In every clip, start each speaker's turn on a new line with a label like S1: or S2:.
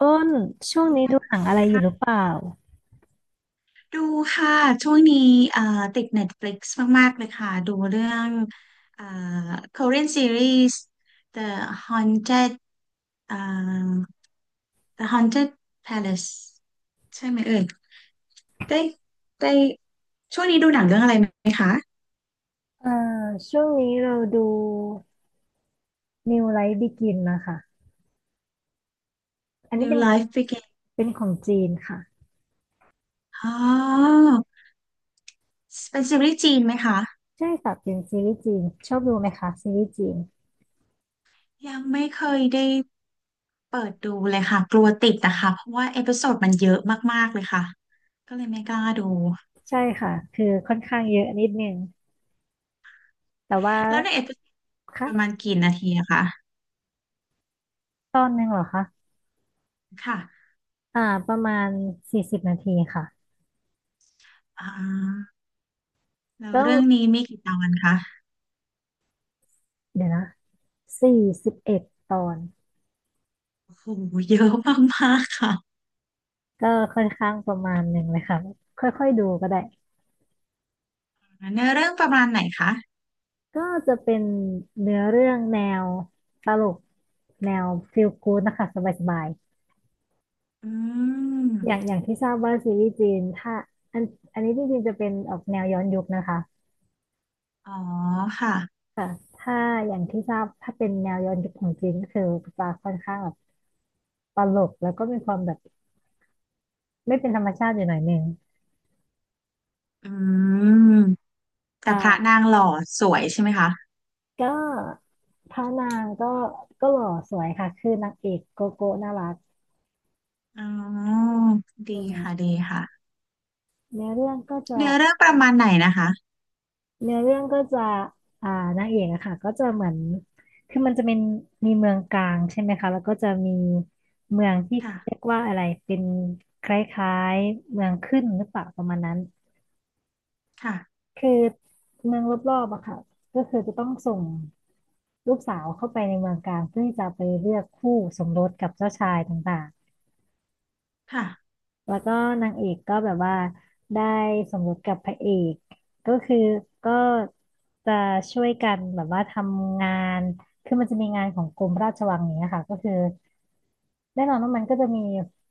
S1: อ้น
S2: ส
S1: ช่ว
S2: วัส
S1: ง
S2: ดี
S1: นี้ดูห
S2: ค่ะ
S1: นังอะไรอยู่หรือเปล่า
S2: ดูค่ะ ช่วงนี้เอ่อติด Netflix มากๆเลยค่ะ ดูเรื่องเอ่อ Korean series The Haunted เอ่อ The Haunted Palace ใช่ไหมเอ่ยได้ได้ช่วงนี้ดูหนังเรื่องอะไรไหมคะ
S1: เอ่อช่วงนี้เราดู New Life Begin นะคะอันนี้
S2: New
S1: เป็น
S2: Life Begin
S1: เป็นของจีนค่ะ
S2: อ๋อเป็นซีรีส์จีนไหมคะ
S1: ใช่ค่ะเป็นซีรีส์จีนชอบดูไหมคะซีรีส์จีน
S2: ยังไม่เคยได้ เปิดดูเลยค่ะกลัวติดนะคะเพราะว่าเอพิโซดมันเยอะมากๆเลยค่ะก็เลยไม่กล้าดู
S1: ใช่ค่ะคือค่อนข้างเยอะนิดนึงแต่ว่า
S2: แล้วในเอพิโซดประมาณ
S1: ค่ะ
S2: กี่นาทีอะคะ
S1: ตอนหนึ่งเหรอคะ
S2: ค่ะ
S1: อ่าประมาณ40 นาทีค่ะ
S2: อ่าแล้ว
S1: ก็
S2: เรื่องนี้มีกี่ตอนคะ
S1: เดี๋ยวนะ41 ตอน
S2: โอ้โหเยอะมากๆค่ะ
S1: ก็ค่อนข้างประมาณหนึ่งเลยค่ะค่อยๆดูก็ได้
S2: เนื้อเรื่องประมาณไหนคะ
S1: ก็จะเป็นเนื้อเรื่องแนวตลกแนวฟีลกู๊ดนะคะสบาย
S2: อื
S1: ๆอย่าง
S2: ม
S1: อย่างที่ทราบว่าซีรีส์จีนถ้าอันอันนี้จริงๆจะเป็นออกแนวย้อนยุคนะคะ
S2: อ๋อค่ะ
S1: ค่ะถ้าอย่างที่ทราบถ้าเป็นแนวย้อนยุคของจีนก็คือจะค่อนข้างแบบตลกแล้วก็มีความแบบไม่เป็นธรรมชาติอยู่หน่อยหนึง
S2: อืมแต่พระ
S1: ค่ะ
S2: นางหล่อสวยใช่ไหมคะ
S1: ก็พระนางก็หล่อสวยค่ะคือนางเอกโกโก้น่ารัก
S2: อ๋อดี
S1: อื
S2: ค่ะ
S1: ม
S2: ดีค่ะ
S1: เนื้อเรื่องก็จะ
S2: เนื้อเรื่องประมาณไหนนะคะ
S1: เนื้อเรื่องก็จะอ่านางเอกอะค่ะก็จะเหมือน คือมันจะเป็นมีเมืองกลางใช่ไหมคะ แล้วก็จะมีเมืองที่เขาเรียก
S2: ค่ะ
S1: ว่าอะไรเป็นคล้ายๆเมืองขึ้นหรือเปล่าประมาณนั้น
S2: ค่ะ
S1: คือเมืองรอบๆอะค่ะก็คือจะต้องส่งลูกสาวเข้าไปในเมืองกลางเพื่อที่จะไปเลือกคู่สมรสกับเจ้าชายต่างๆ
S2: ค่ะ
S1: แล้วก็นางเอกก็แบบว่าได้สมรสกับพระเอกก็คือก็จะช่วยกันแบบว่าทำงานคือมันจะมีงานของกรมราชวังอย่างเนี้ยค่ะก็คือแน่นอนว่ามันก็จะมี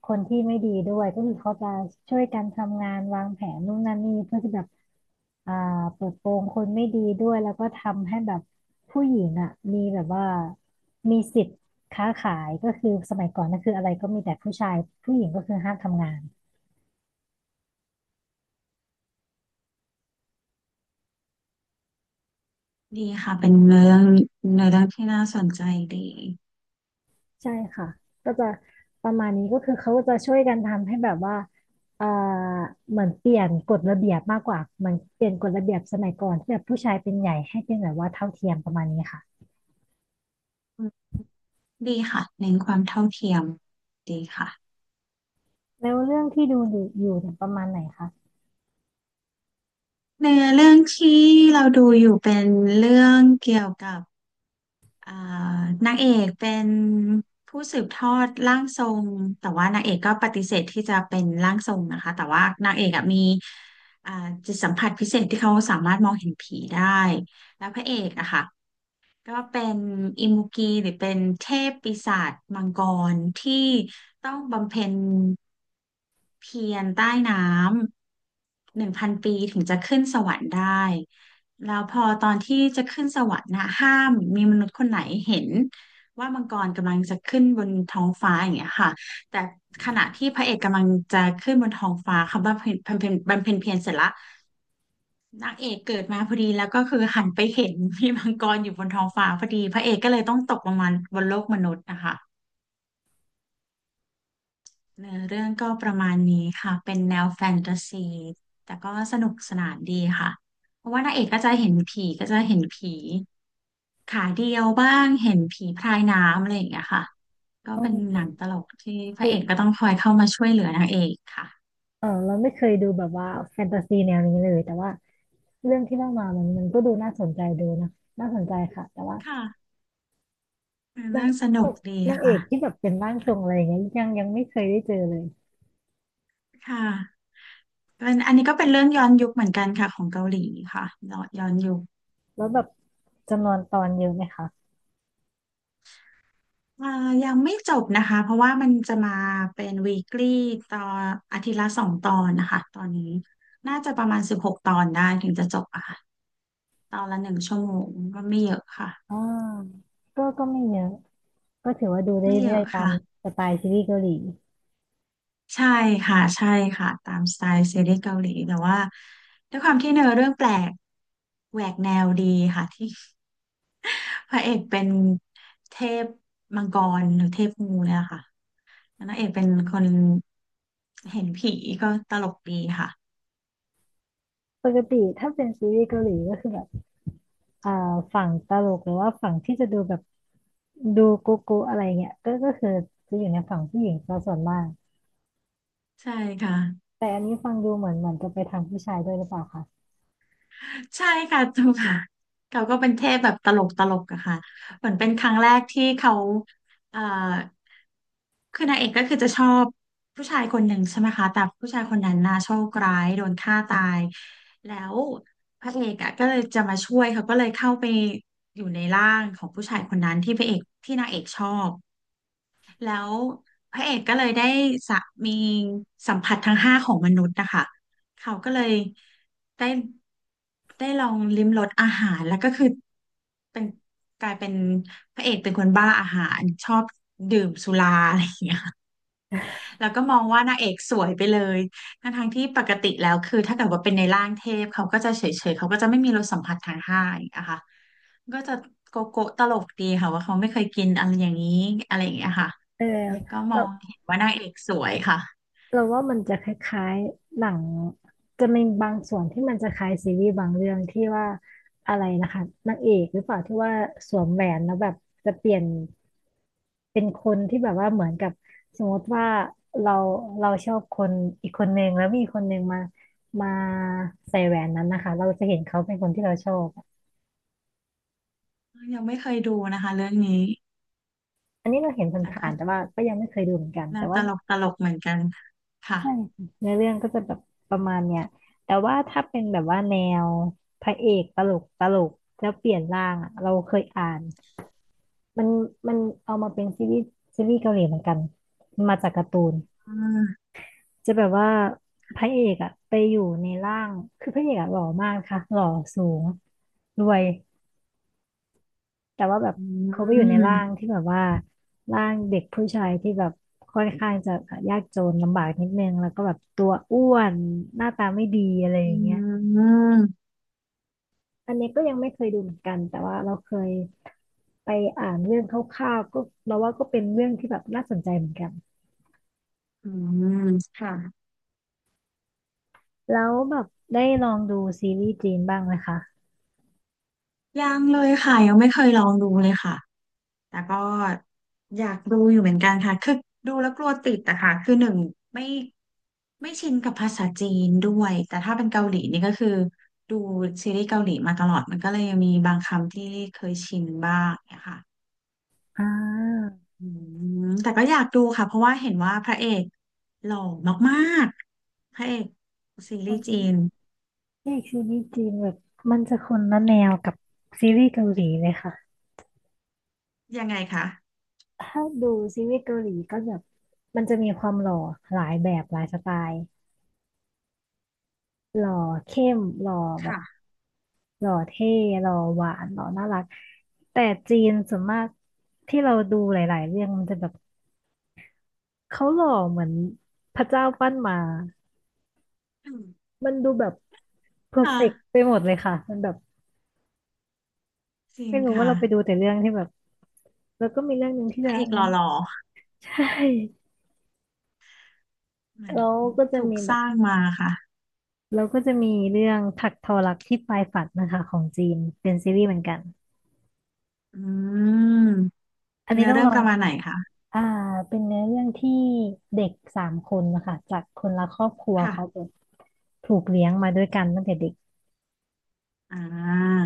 S1: คนที่ไม่ดีด้วยก็คือเขาจะช่วยกันทำงานวางแผนนู่นนั่นนี่เพื่อที่แบบอ่าเปิดโปงคนไม่ดีด้วยแล้วก็ทำให้แบบผู้หญิงอ่ะมีแบบว่ามีสิทธิ์ค้าขายก็คือสมัยก่อนก็คืออะไรก็มีแต่ผู้ชายผู้หญิงก็คือห้ามทำงาน
S2: ดีค่ะเป็นเรื่องในเรื่องที่น่าสนใจดี
S1: ใช่ค่ะก็จะประมาณนี้ก็คือเขาก็จะช่วยกันทำให้แบบว่าเอ่อเหมือนเปลี่ยนกฎระเบียบมากกว่าเหมือนเปลี่ยนกฎระเบียบสมัยก่อนที่แบบผู้ชายเป็นใหญ่ให้เป็นแบบว่าเท่าเทียมประมาณนี้ค่ะ
S2: ดีค่ะเน้นความเท่าเทียมดีค่ะ
S1: แล้วเรื่องที่ดูอยู่อยู่เนี่ยประมาณไหนคะ
S2: ในเรื่องที่เราดูอยู่เป็นเรื่องเกี่ยวกับอ่านางเอกเป็นผู้สืบทอดร่างทรงแต่ว่านางเอกก็ปฏิเสธที่จะเป็นร่างทรงนะคะแต่ว่านางเอกอะมีอ่าจิตสัมผัสพิเศษที่เขาสามารถมองเห็นผีได้แล้วพระเอกอะค่ะ ก็เป็นอิมุกีหรือเป็นเทพปีศาจมังกรที่ต้องบำเพ็ญเพียรใต้น้ำ1,000 ปีถึงจะขึ้นสวรรค์ได้แล้วพอตอนที่จะขึ้นสวรรค์นะห้ามมีมนุษย์คนไหนเห็นว่ามังกรกำลังจะขึ้นบนท้องฟ้าอย่างเงี้ยค่ะแต่ขณะที่พระเอกกำลังจะขึ้นบนท้องฟ้าเขาบำเพ็ญเพียรเสร็จละ นางเอกเกิดมาพอดีแล้วก็คือหันไปเห็น พี่มังกรอยู่บนท้องฟ้าพอดีพระเอกก็เลยต้องตกลงมาบนโลกมนุษย์นะคะเนื้อเรื่องก็ประมาณนี้ค่ะเป็นแนวแฟนตาซีแต่ก็สนุกสนานดีค่ะเพราะว่านางเอกก็จะเห็นผีก็จะเห็นผีขาเดียวบ้างเห็นผีพรายน้ำอะไรอย่างเงี้ยค่ะก็
S1: ต้
S2: เป็นหนังตลกที่พ
S1: อื
S2: ระเอ
S1: ม
S2: กก็ต้องคอยเข้ามาช่วยเหลือนางเอกค่ะ
S1: เออเราไม่เคยดูแบบว่าแฟนตาซีแนวนี้เลยแต่ว่าเรื่องที่เล่ามามันก็ดูน่าสนใจดูนะน่าสนใจค่ะแต่ว่า
S2: ค่ะเนื้อ
S1: นา
S2: เรื่
S1: ง
S2: องสนุกดี
S1: นางเอ
S2: ค่ะ
S1: กที่แบบเป็นร่างทรงอะไรอย่างเงี้ยยังไม่เคยได้เจอเลย
S2: ค่ะ เป็นอันนี้ก็เป็นเรื่องย้อนยุคเหมือนกันค่ะของเกาหลีค่ะย้อนยุค
S1: แล้วแบบจำนวนตอนเยอะไหมคะ
S2: อ่ายังไม่จบนะคะ เพราะว่ามันจะมาเป็น weekly ตอนอาทิตย์ละ2 ตอนนะคะ ตอนนี้น่าจะประมาณ16 ตอนได้ถึงจะจบอะค่ะตอนละ1 ชั่วโมงก็ไม่เยอะค่ะ
S1: อ่าก็ไม่เยอะก็ถือว่าดูได้
S2: ไม่เย
S1: เรื่อ
S2: อะ
S1: ยๆตาม
S2: ค่ะ
S1: สไตล์ซีรีส์เกาหลี
S2: ใช่ค่ะ ใช่ค่ะ ตามสไตล์ซีรีส์เกาหลีแต่ว่าด้วยความที่เนื้อเรื่องแปลก แหวกแนวดีค่ะที่ พระเอกเป็นเทพมังกรหรือเทพงูเนี่ยค่ะ นางเอกเป็นคนเห็นผีก็ตลกดีค่ะ
S1: ปกติถ้าเป็นซีรีส์เกาหลีก็คือแบบอ่าฝั่งตลกหรือว่าฝั่งที่จะดูแบบดูโกโก้อะไรเงี้ยก็คือจะอยู่ในฝั่งผู้หญิงซะส่วนมาก
S2: ใช่ค่ะ
S1: แต่อันนี้ฟังดูเหมือนจะไปทางผู้ชายด้วยหรือเปล่าคะ
S2: ใช่ค่ะถูกค่ะเขาก็เป็นเทพแบบตลกตลกอะค่ะเหมือนเป็นครั้งแรกที่เขาเอ่อคือนางเอกก็คือจะชอบผู้ชายคนหนึ่งใช่ไหมคะแต่ผู้ชายคนนั้นน่าโชคร้ายโดนฆ่าตายแล้วพระเอกอะก็เลยจะมาช่วยเขาก็เลยเข้าไปอยู่ในร่างของผู้ชายคนนั้นที่พระเอกที่นางเอกชอบ แล้วพระเอกก็เลยได้สะมีสัมผัสทั้งห้าของมนุษย์นะคะเขาก็เลยได้ได้ลองลิ้มรสอาหารแล้วก็คือเป็นกลายเป็นพระเอกเป็นคนบ้าอาหารชอบดื่มสุราอะไรอย่างเงี้ยแล้วก็มองว่านางเอกสวยไปเลยทั้งทงที่ปกติแล้วคือถ้าเกิดว่าเป็นในร่างเทพเขาก็จะเฉยๆเขาก็จะไม่มีรสสัมผัสทางห้าอย่างคะ ก็จะโกโก้ตลกดีค่ะว่าเขาไม่เคยกินอะไรอย่างนี้อะไรอย่างเงี้ยค่ะ
S1: เออ
S2: แล้วก็มอ
S1: เรา
S2: งเห็นว่านางเอกสวยค่ะ
S1: เราว่ามันจะคล้ายๆหนังจะมีบางส่วนที่มันจะคล้ายซีรีส์บางเรื่องที่ว่าอะไรนะคะนางเอกหรือเปล่าที่ว่าสวมแหวนแล้วแบบจะเปลี่ยน เป็นคนที่แบบว่าเหมือนกับสมมติว่าเราเราชอบคนอีกคนหนึ่งแล้วมีคนหนึ่งมาใส่แหวนนั้นนะคะเราจะเห็นเขาเป็นคนที่เราชอบ
S2: ยังไม่เคยดูนะคะเรื่องนี้
S1: อันนี้เราเห็น
S2: แล้วก็
S1: ผ่านๆแต่ว่าก็ยังไม่เคยดูเหมือนกัน
S2: น่า
S1: แต่
S2: ต
S1: ว่า
S2: ลกตลกเหมือนกันค่ะ
S1: ใช่ค่ะเนื้อเรื่องก็จะแบบประมาณเนี้ยแต่ว่าถ้าเป็นแบบว่าแนวพระเอกตลกตลกแล้วเปลี่ยนร่างอะเราเคยอ่านมันมันเอามาเป็นซีรีส์เกาหลีเหมือนกันมันมาจากการ์ตูน
S2: อืม
S1: จะแบบว่าพระเอกอะไปอยู่ในร่างคือพระเอกอะหล่อมากค่ะหล่อสูงรวยแต่ว่าแบบ
S2: อื
S1: เขาไปอยู่ในร่าง
S2: ม
S1: ที่แบบว่าร่างเด็กผู้ชายที่แบบค่อนข้างจะยากจนลำบากนิดนึงแล้วก็แบบตัวอ้วนหน้าตาไม่ดีอะไรอ
S2: อื
S1: ย่างเงี้ย
S2: มอืม
S1: อันนี้ก็ยังไม่เคยดูเหมือนกันแต่ว่าเราเคยไปอ่านเรื่องคร่าวๆก็เราว่าก็เป็นเรื่องที่แบบน่าสนใจเหมือนกัน
S2: อืมค่ะ
S1: แล้วแบบได้ลองดูซีรีส์จีนบ้างไหมคะ
S2: ยังเลยค่ะยังไม่เคยลองดูเลยค่ะ แต่ก็อยากดูอยู่เหมือนกันค่ะ คือดูแล้วกลัวติดอะค่ะ คือหนึ่งไม่ไม่ชินกับภาษาจีนด้วยแต่ถ้าเป็นเกาหลีนี่ก็คือดูซีรีส์เกาหลีมาตลอดมันก็เลยยังมีบางคำที่เคยชินบ้างเนี่ยค่ะ
S1: อ่า
S2: อืมแต่ก็อยากดูค่ะเพราะว่าเห็นว่าพระเอกหล่อมากๆพระเอกซีรีส์จีน
S1: เอกซีรีส์จีนแบบมันจะคนละแนวกับซีรีส์เกาหลีเลยค่ะ
S2: ยังไงคะ
S1: ถ้าดูซีรีส์เกาหลีก็แบบมันจะมีความหล่อหลายแบบหลายสไตล์หล่อเข้มหล่อแบบ
S2: ค่ะ
S1: หล่อเท่หล่อหวานหล่อน่ารักแต่จีนส่วนมากที่เราดูหลายๆเรื่องมันจะแบบเขาหล่อเหมือนพระเจ้าปั้นมา
S2: อืม
S1: มันดูแบบเพอร์
S2: ค่ะ
S1: เฟกต์ไปหมดเลยค่ะมันแบบ
S2: จริง
S1: ไม่รู้ว่า
S2: ค่ะ
S1: เราไปดูแต่เรื่องที่แบบแล้วก็มีเรื่องหนึ่งที่
S2: พ
S1: จะ
S2: ระเอกห
S1: นั้น
S2: ล่อ
S1: ใช่
S2: ๆเหมือน
S1: แล้วก็จะ
S2: ถูก
S1: มีแบ
S2: ส
S1: บ
S2: ร้างมาค่ะ
S1: แล้วก็จะมีเรื่องถักทอรักที่ปลายฝันนะคะของจีนเป็นซีรีส์เหมือนกัน
S2: อืม
S1: อันนี้
S2: เนื้อ
S1: ต้อง
S2: เรื่
S1: ล
S2: อง
S1: อ
S2: ป
S1: ง
S2: ระมาณไหนคะ
S1: อ่าเป็นเนื้อเรื่องที่เด็กสามคนนะคะจากคนละครอบครัว
S2: ค่ะ
S1: เขาแบบถูกเลี้ยงมาด้วยกันตั้งแต่เด็ก
S2: อ่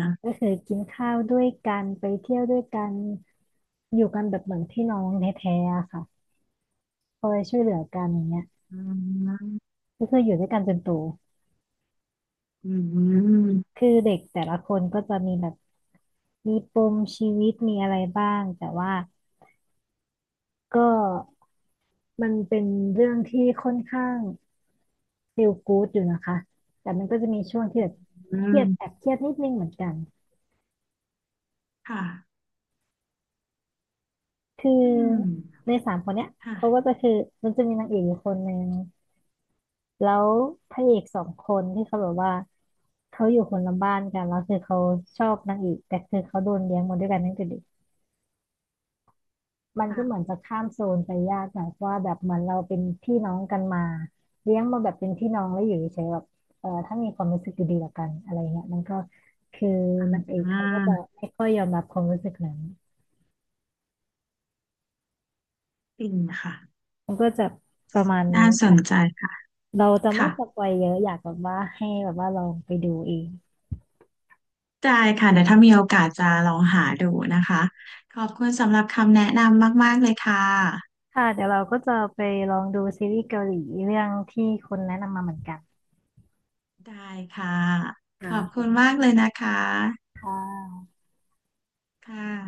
S2: า
S1: ก็คือกินข้าวด้วยกันไปเที่ยวด้วยกันอยู่กันแบบเหมือนพี่น้องแท้ๆอะค่ะคอยช่วยเหลือกันอย่างเงี้ย
S2: อืม
S1: ก็คืออยู่ด้วยกันจนโต
S2: อืม
S1: คือเด็กแต่ละคนก็จะมีแบบมีปมชีวิตมีอะไรบ้างแต่ว่า ก็มันเป็นเรื่องที่ค่อนข้าง feel good อยู่นะคะแต่มันก็จะมีช่วงที่แบบ
S2: อื
S1: เครียดแอ
S2: ม
S1: บเครียดนิดนึงเหมือนกัน
S2: ค่ะ
S1: คือ
S2: อืม
S1: ในสามคนเนี้ย
S2: ค่ะ
S1: เขาก็จะคือมันจะมีนางเอกอยู่คนหนึ่งแล้วพระเอกสองคนที่เขาแบบว่าเขาอยู่คนละบ้านกันแล้วคือเขาชอบนางเอกแต่คือเขาโดนเลี้ยงมาด้วยกันตั้งแต่เด็ก มันก็เหมือน
S2: ค่ะ
S1: จะข้ามโซนไปยากหน่อยเพราะว่าแบบเหมือนเราเป็นพี่น้องกันมาเลี้ยงมาแบบเป็นพี่น้องแล้วอยู่เฉยๆแบบเออถ้ามีความรู้สึกดีๆต่อกันอะไรเงี้ยมันก็คือ
S2: อ่
S1: นางเอกเขา
S2: า
S1: ก็จะไม่ค่อยยอมรับความรู้สึกนั้น
S2: ปินค่ะ
S1: มันก็จะประมาณ
S2: น่า
S1: นี้
S2: ส
S1: ค่ะ
S2: นใจค่ะ
S1: เราจะไม่
S2: ค่ะ
S1: สปอยเยอะอยากแบบว่าให้แบบว่าลองไปดูเอง
S2: ได้ค่ะเดี๋ยวถ้ามีโอกาสจะลองหาดูนะคะ ขอบคุณสำหรับคำแนะนำมากๆเลยค่ะ
S1: ค่ะเดี๋ยวเราก็จะไปลองดูซีรีส์เกาหลีเรื่องที่คุณแนะนำมาเหมือนกัน
S2: ได้ค่ะข
S1: ค่ะ
S2: อบคุณมากเลยนะคะ ค่ะ